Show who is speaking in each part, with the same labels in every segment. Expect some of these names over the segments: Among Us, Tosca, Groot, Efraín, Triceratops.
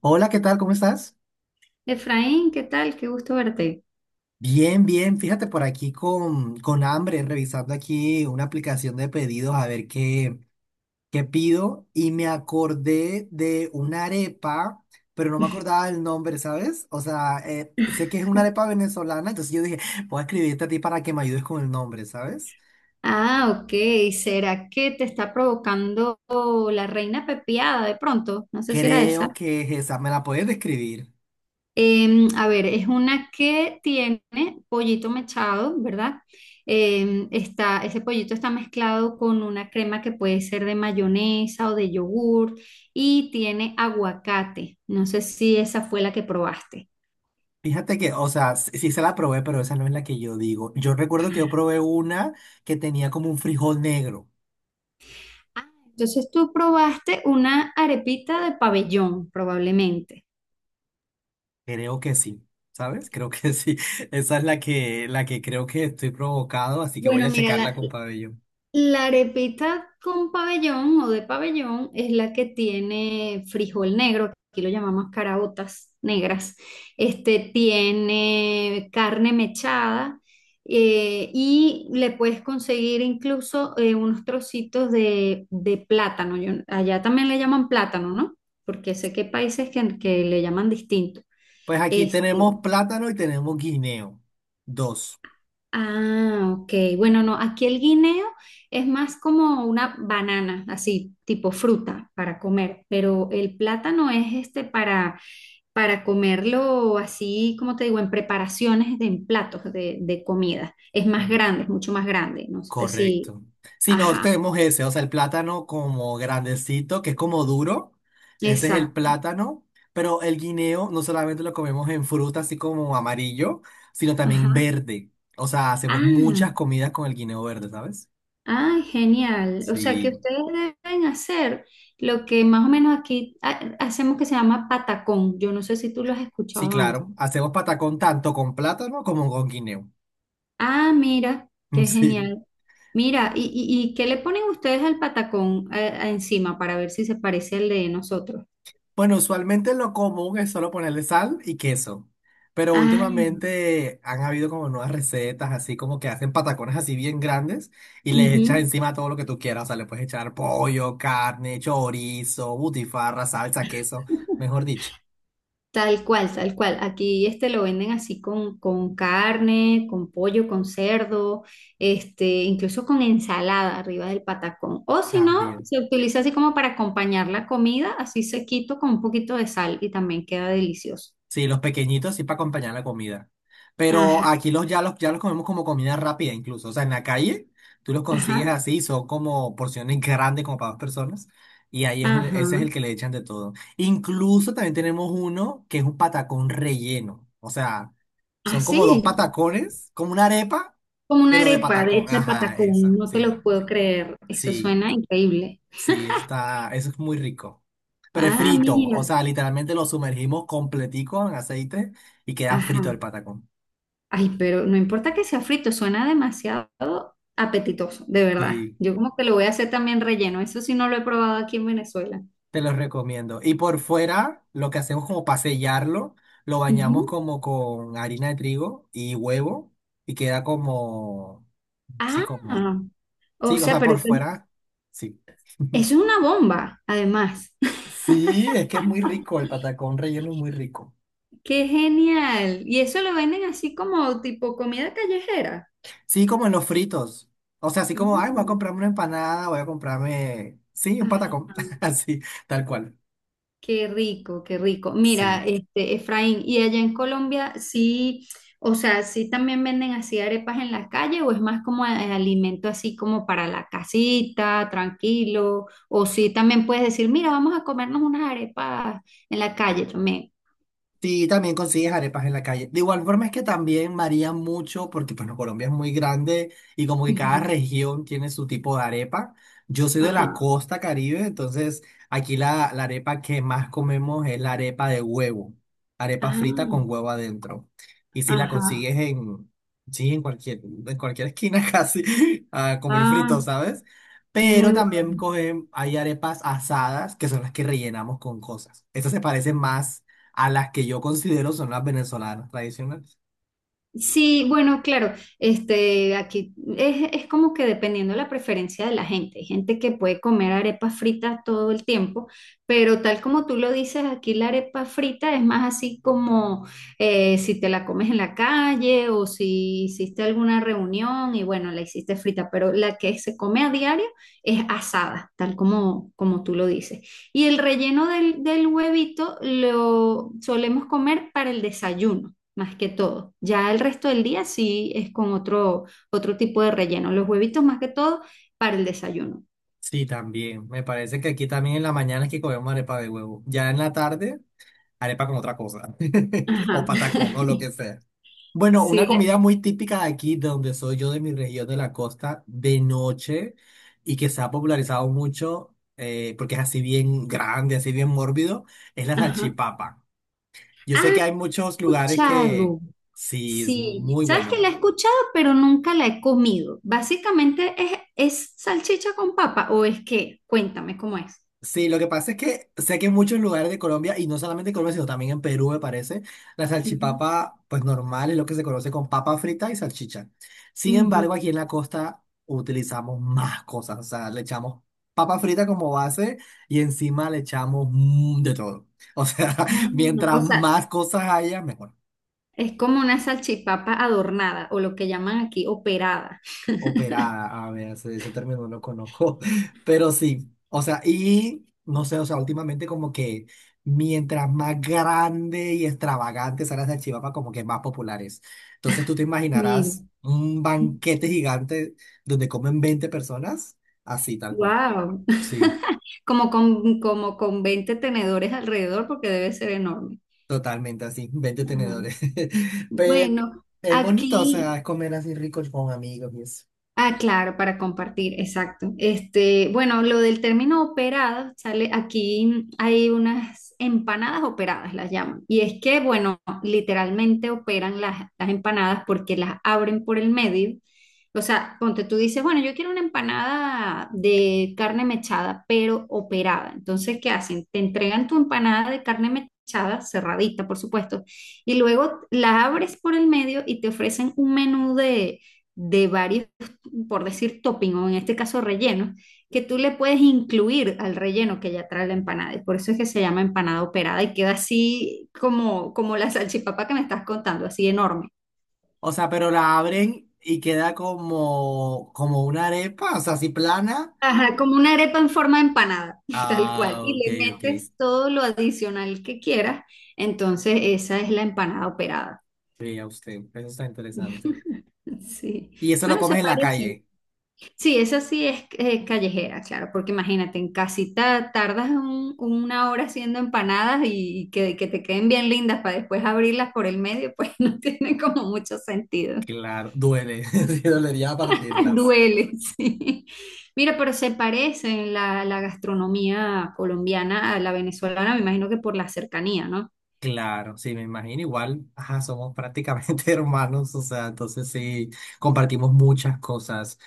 Speaker 1: Hola, ¿qué tal? ¿Cómo estás?
Speaker 2: Efraín, ¿qué tal? Qué gusto verte.
Speaker 1: Bien, bien. Fíjate por aquí con hambre, revisando aquí una aplicación de pedidos a ver qué pido. Y me acordé de una arepa, pero no me acordaba el nombre, ¿sabes? O sea, sé que es una arepa venezolana, entonces yo dije, voy a escribirte a ti para que me ayudes con el nombre, ¿sabes?
Speaker 2: Ah, ok. ¿Será que te está provocando la reina pepiada de pronto? No sé si era
Speaker 1: Creo
Speaker 2: esa.
Speaker 1: que es esa. ¿Me la puedes describir?
Speaker 2: A ver, es una que tiene pollito mechado, ¿verdad? Ese pollito está mezclado con una crema que puede ser de mayonesa o de yogur y tiene aguacate. No sé si esa fue la que probaste.
Speaker 1: Fíjate que, o sea, sí se la probé, pero esa no es la que yo digo. Yo recuerdo que yo probé una que tenía como un frijol negro.
Speaker 2: Ah, entonces tú probaste una arepita de pabellón, probablemente.
Speaker 1: Creo que sí, ¿sabes? Creo que sí. Esa es la que creo que estoy provocado, así que voy
Speaker 2: Bueno,
Speaker 1: a
Speaker 2: mira,
Speaker 1: checarla
Speaker 2: la,
Speaker 1: con pabellón.
Speaker 2: la arepita con pabellón o de pabellón es la que tiene frijol negro, aquí lo llamamos caraotas negras. Este tiene carne mechada y le puedes conseguir incluso unos trocitos de plátano. Allá también le llaman plátano, ¿no? Porque sé que hay países que le llaman distinto.
Speaker 1: Pues aquí
Speaker 2: Este.
Speaker 1: tenemos plátano y tenemos guineo. Dos.
Speaker 2: Ah, ok. Bueno, no, aquí el guineo es más como una banana, así, tipo fruta para comer, pero el plátano es este para comerlo así, como te digo, en preparaciones de en platos de comida. Es más
Speaker 1: Mm.
Speaker 2: grande, es mucho más grande. No sé si.
Speaker 1: Correcto. Si no,
Speaker 2: Ajá,
Speaker 1: tenemos ese, o sea, el plátano como grandecito, que es como duro. Ese es el
Speaker 2: exacto.
Speaker 1: plátano, pero el guineo no solamente lo comemos en fruta, así como amarillo, sino también
Speaker 2: Ajá.
Speaker 1: verde. O sea, hacemos muchas
Speaker 2: Ah,
Speaker 1: comidas con el guineo verde, ¿sabes?
Speaker 2: ah, genial. O sea que
Speaker 1: Sí.
Speaker 2: ustedes deben hacer lo que más o menos aquí hacemos que se llama patacón. Yo no sé si tú lo has
Speaker 1: Sí,
Speaker 2: escuchado antes.
Speaker 1: claro. Hacemos patacón tanto con plátano como con guineo.
Speaker 2: Ah, mira, qué
Speaker 1: Sí.
Speaker 2: genial. Mira, ¿y qué le ponen ustedes al patacón encima para ver si se parece al de nosotros?
Speaker 1: Bueno, usualmente lo común es solo ponerle sal y queso. Pero
Speaker 2: Ah,
Speaker 1: últimamente han habido como nuevas recetas, así como que hacen patacones así bien grandes y le echas encima todo lo que tú quieras. O sea, le puedes echar pollo, carne, chorizo, butifarra, salsa, queso, mejor dicho.
Speaker 2: tal cual, tal cual. Aquí este lo venden así con carne, con pollo, con cerdo, este, incluso con ensalada arriba del patacón. O si no,
Speaker 1: También.
Speaker 2: se utiliza así como para acompañar la comida, así sequito con un poquito de sal y también queda delicioso.
Speaker 1: Sí, los pequeñitos sí para acompañar la comida. Pero
Speaker 2: Ajá,
Speaker 1: aquí los comemos como comida rápida incluso. O sea, en la calle tú los consigues
Speaker 2: ajá,
Speaker 1: así, son como porciones grandes como para dos personas. Y ahí es un- ese es
Speaker 2: ajá.
Speaker 1: el que le echan de todo. Incluso también tenemos uno que es un patacón relleno. O sea, son como dos
Speaker 2: Así,
Speaker 1: patacones, como una arepa,
Speaker 2: como una
Speaker 1: pero de
Speaker 2: arepa de
Speaker 1: patacón.
Speaker 2: hecha de
Speaker 1: Ajá,
Speaker 2: patacón,
Speaker 1: esa,
Speaker 2: no te
Speaker 1: sí,
Speaker 2: lo puedo creer. Eso
Speaker 1: sí.
Speaker 2: suena increíble.
Speaker 1: Sí, está, eso es muy rico.
Speaker 2: Ah,
Speaker 1: Prefrito, o
Speaker 2: mira.
Speaker 1: sea, literalmente lo sumergimos completico en aceite y queda frito
Speaker 2: Ajá.
Speaker 1: el patacón.
Speaker 2: Ay, pero no importa que sea frito, suena demasiado apetitoso, de verdad.
Speaker 1: Sí,
Speaker 2: Yo como que lo voy a hacer también relleno, eso sí no lo he probado aquí en Venezuela.
Speaker 1: te lo recomiendo. Y por fuera, lo que hacemos como para sellarlo, lo bañamos
Speaker 2: Ujú.
Speaker 1: como con harina de trigo y huevo y queda
Speaker 2: Ah,
Speaker 1: como,
Speaker 2: o
Speaker 1: sí, o
Speaker 2: sea,
Speaker 1: sea,
Speaker 2: pero
Speaker 1: por
Speaker 2: eso,
Speaker 1: fuera, sí.
Speaker 2: eso es una bomba, además.
Speaker 1: Sí, es que es muy rico, el patacón relleno es muy rico.
Speaker 2: Qué genial. Y eso lo venden así como tipo comida callejera.
Speaker 1: Sí, como en los fritos. O sea, así como, ay, voy a
Speaker 2: Mm.
Speaker 1: comprarme una empanada, voy a comprarme, sí, un patacón. Así, tal cual.
Speaker 2: Qué rico, qué rico.
Speaker 1: Sí.
Speaker 2: Mira, este, Efraín, ¿y allá en Colombia sí, o sea, sí también venden así arepas en la calle o es más como alimento así como para la casita, tranquilo? O sí también puedes decir, mira, vamos a comernos unas arepas en la calle también.
Speaker 1: Sí, también consigues arepas en la calle. De igual forma es que también varía mucho porque bueno, Colombia es muy grande y como que cada
Speaker 2: Ujú.
Speaker 1: región tiene su tipo de arepa. Yo soy de la
Speaker 2: Ajá,
Speaker 1: costa Caribe, entonces aquí la, la arepa que más comemos es la arepa de huevo, arepa frita
Speaker 2: ah,
Speaker 1: con huevo adentro. Y si la
Speaker 2: ajá,
Speaker 1: consigues en, sí, en cualquier esquina casi, a comer frito,
Speaker 2: ah,
Speaker 1: ¿sabes? Pero
Speaker 2: muy
Speaker 1: también
Speaker 2: bueno.
Speaker 1: cogen, hay arepas asadas que son las que rellenamos con cosas. Estas se parecen más a las que yo considero son las venezolanas tradicionales.
Speaker 2: Sí, bueno, claro, este, aquí es como que dependiendo de la preferencia de la gente. Hay gente que puede comer arepas fritas todo el tiempo, pero tal como tú lo dices, aquí la arepa frita es más así como si te la comes en la calle o si hiciste alguna reunión y bueno, la hiciste frita, pero la que se come a diario es asada, tal como tú lo dices. Y el relleno del huevito lo solemos comer para el desayuno más que todo. Ya el resto del día sí es con otro tipo de relleno. Los huevitos más que todo para el desayuno.
Speaker 1: Sí, también. Me parece que aquí también en la mañana es que comemos arepa de huevo. Ya en la tarde, arepa con otra cosa. O
Speaker 2: Ajá.
Speaker 1: patacón o lo que sea. Bueno,
Speaker 2: Sí,
Speaker 1: una comida muy típica de aquí, de donde soy yo, de mi región de la costa, de noche, y que se ha popularizado mucho, porque es así bien grande, así bien mórbido, es la
Speaker 2: ajá.
Speaker 1: salchipapa. Yo sé
Speaker 2: Ah,
Speaker 1: que hay muchos lugares que
Speaker 2: escuchado.
Speaker 1: sí, es
Speaker 2: Sí,
Speaker 1: muy
Speaker 2: sabes que
Speaker 1: bueno.
Speaker 2: la he escuchado, pero nunca la he comido. Básicamente es salchicha con papa o es que, cuéntame cómo es.
Speaker 1: Sí, lo que pasa es que sé que en muchos lugares de Colombia, y no solamente en Colombia, sino también en Perú, me parece, la
Speaker 2: Ujú,
Speaker 1: salchipapa, pues normal, es lo que se conoce con papa frita y salchicha. Sin
Speaker 2: ujú.
Speaker 1: embargo, aquí en la costa utilizamos más cosas, o sea, le echamos papa frita como base y encima le echamos mm, de todo. O sea,
Speaker 2: Ah,
Speaker 1: mientras
Speaker 2: o sea,
Speaker 1: más cosas haya, mejor.
Speaker 2: es como una salchipapa adornada o lo que llaman aquí operada.
Speaker 1: Operada, a ver, ese término no conozco, pero sí, o sea, y no sé, o sea, últimamente como que mientras más grande y extravagante sea la salchipapa, como que más populares. Entonces tú te
Speaker 2: Mira,
Speaker 1: imaginarás un banquete gigante donde comen 20 personas, así tal cual,
Speaker 2: wow.
Speaker 1: sí,
Speaker 2: Como con 20 tenedores alrededor porque debe ser enorme.
Speaker 1: totalmente así, veinte
Speaker 2: Ajá.
Speaker 1: tenedores, pero
Speaker 2: Bueno,
Speaker 1: es bonito, o sea,
Speaker 2: aquí.
Speaker 1: es comer así rico con amigos y eso.
Speaker 2: Ah, claro, para compartir, exacto. Este, bueno, lo del término operado, sale aquí hay unas empanadas operadas, las llaman. Y es que, bueno, literalmente operan las empanadas porque las abren por el medio. O sea, ponte tú dices, bueno, yo quiero una empanada de carne mechada, pero operada. Entonces, ¿qué hacen? Te entregan tu empanada de carne mechada, cerradita, por supuesto, y luego la abres por el medio y te ofrecen un menú de varios por decir topping o en este caso relleno, que tú le puedes incluir al relleno que ya trae la empanada. Y por eso es que se llama empanada operada y queda así como la salchipapa que me estás contando, así enorme.
Speaker 1: O sea, pero la abren y queda como, como una arepa, o sea, así plana.
Speaker 2: Ajá, como una arepa en forma de empanada, tal cual.
Speaker 1: Ah,
Speaker 2: Y
Speaker 1: ok,
Speaker 2: le
Speaker 1: ok.
Speaker 2: metes todo lo adicional que quieras. Entonces, esa es la empanada operada.
Speaker 1: Vea usted, eso está interesante.
Speaker 2: Sí.
Speaker 1: Y eso lo
Speaker 2: Bueno, se
Speaker 1: comes en la
Speaker 2: parece,
Speaker 1: calle.
Speaker 2: sí, esa sí es callejera, claro, porque imagínate, en casita tardas una hora haciendo empanadas y, y que te queden bien lindas para después abrirlas por el medio, pues no tiene como mucho sentido.
Speaker 1: Claro, duele. Sí, dolería partirlas.
Speaker 2: Duele, sí. Mira, pero se parece la gastronomía colombiana a la venezolana, me imagino que por la cercanía, ¿no?
Speaker 1: Claro, sí, me imagino. Igual, ajá, somos prácticamente hermanos, o sea, entonces sí, compartimos muchas cosas.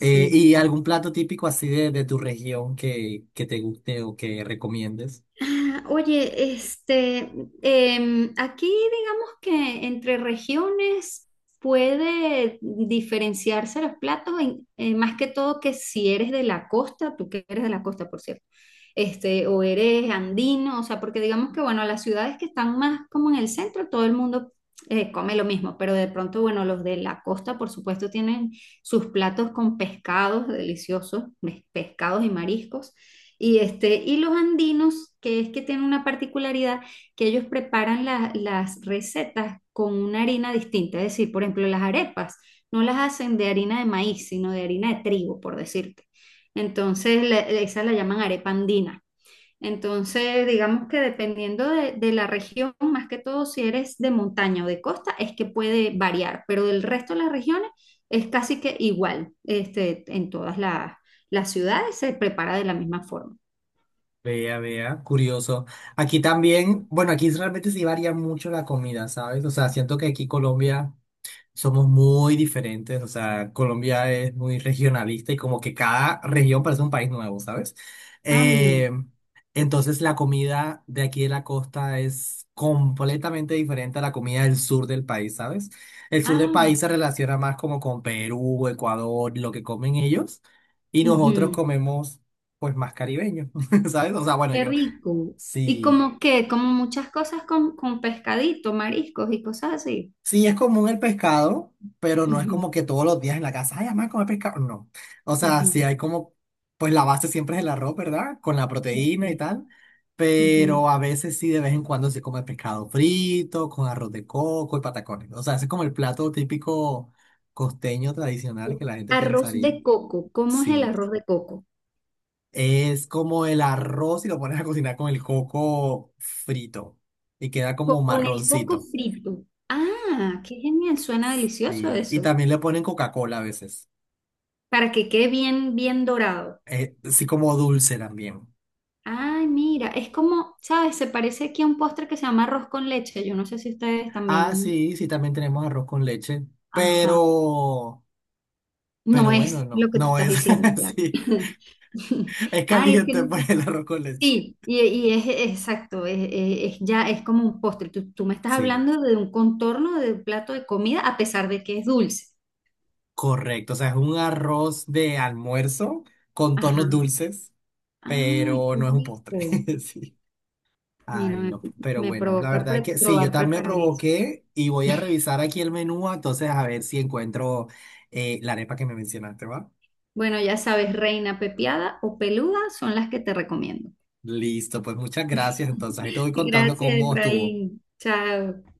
Speaker 1: ¿Y
Speaker 2: sí.
Speaker 1: algún plato típico así de tu región que te guste o que recomiendes?
Speaker 2: Ah, oye, este, aquí digamos que entre regiones puede diferenciarse los platos, más que todo que si eres de la costa, tú que eres de la costa, por cierto, este, o eres andino, o sea, porque digamos que, bueno, las ciudades que están más como en el centro, todo el mundo come lo mismo, pero de pronto, bueno, los de la costa, por supuesto, tienen sus platos con pescados deliciosos, pescados y mariscos. Y los andinos, que es que tienen una particularidad, que ellos preparan las recetas con una harina distinta. Es decir, por ejemplo, las arepas no las hacen de harina de maíz, sino de harina de trigo, por decirte. Entonces, esa la llaman arepa andina. Entonces, digamos que dependiendo de la región, más que todo si eres de montaña o de costa, es que puede variar, pero del resto de las regiones es casi que igual, este, en todas las ciudades se prepara de la misma forma.
Speaker 1: Vea, vea, curioso. Aquí también, bueno, aquí realmente sí varía mucho la comida, ¿sabes? O sea, siento que aquí Colombia somos muy diferentes, o sea, Colombia es muy regionalista y como que cada región parece un país nuevo, ¿sabes?
Speaker 2: Ah, mira.
Speaker 1: Eh, entonces la comida de aquí de la costa es completamente diferente a la comida del sur del país, ¿sabes? El sur del
Speaker 2: Ah,
Speaker 1: país se relaciona más como con Perú, Ecuador, lo que comen ellos, y nosotros
Speaker 2: ujú.
Speaker 1: comemos pues más caribeño, ¿sabes? O sea, bueno,
Speaker 2: Qué
Speaker 1: yo
Speaker 2: rico. Y
Speaker 1: sí.
Speaker 2: como que, como muchas cosas con pescadito, mariscos y cosas así.
Speaker 1: Sí, es común el pescado, pero no es
Speaker 2: Ujú,
Speaker 1: como que todos los días en la casa, ay, mamá, comer pescado. No. O sea, sí
Speaker 2: ujú.
Speaker 1: hay como, pues la base siempre es el arroz, ¿verdad? Con la
Speaker 2: Ok,
Speaker 1: proteína y tal.
Speaker 2: ujú.
Speaker 1: Pero a veces sí, de vez en cuando se come pescado frito, con arroz de coco y patacones. O sea, ese es como el plato típico costeño tradicional que la gente
Speaker 2: Arroz
Speaker 1: pensaría.
Speaker 2: de coco. ¿Cómo es el
Speaker 1: Sí.
Speaker 2: arroz de coco?
Speaker 1: Es como el arroz y lo pones a cocinar con el coco frito y queda como
Speaker 2: Con el coco
Speaker 1: marroncito.
Speaker 2: frito. Ah, qué genial. Suena delicioso
Speaker 1: Sí. Y
Speaker 2: eso.
Speaker 1: también le ponen Coca-Cola a veces.
Speaker 2: Para que quede bien, bien dorado.
Speaker 1: Así como dulce también.
Speaker 2: Ay, mira, es como, ¿sabes? Se parece aquí a un postre que se llama arroz con leche. Yo no sé si ustedes
Speaker 1: Ah,
Speaker 2: también.
Speaker 1: sí, sí, también tenemos arroz con leche,
Speaker 2: Ajá.
Speaker 1: pero,
Speaker 2: No
Speaker 1: pero bueno,
Speaker 2: es lo
Speaker 1: no,
Speaker 2: que tú
Speaker 1: no
Speaker 2: estás
Speaker 1: es
Speaker 2: diciendo, claro.
Speaker 1: así, es
Speaker 2: Ay, es que
Speaker 1: caliente pues el arroz con leche.
Speaker 2: sí, y es exacto, es ya es como un postre. Tú me estás
Speaker 1: Sí,
Speaker 2: hablando de un contorno de un plato de comida a pesar de que es dulce.
Speaker 1: correcto, o sea, es un arroz de almuerzo con tonos
Speaker 2: Ajá.
Speaker 1: dulces,
Speaker 2: Ah,
Speaker 1: pero
Speaker 2: qué
Speaker 1: no es un postre,
Speaker 2: rico.
Speaker 1: sí.
Speaker 2: Mira,
Speaker 1: Ay,
Speaker 2: me,
Speaker 1: no, pero
Speaker 2: me
Speaker 1: bueno, la
Speaker 2: provoca
Speaker 1: verdad es que sí, yo
Speaker 2: probar
Speaker 1: también me
Speaker 2: preparar eso.
Speaker 1: provoqué y voy a revisar aquí el menú, entonces a ver si encuentro la arepa que me mencionaste, ¿va?
Speaker 2: Bueno, ya sabes, reina pepiada o peluda son las que te recomiendo.
Speaker 1: Listo, pues muchas gracias. Entonces, ahí te voy contando
Speaker 2: Gracias,
Speaker 1: cómo estuvo.
Speaker 2: Efraín. Chao.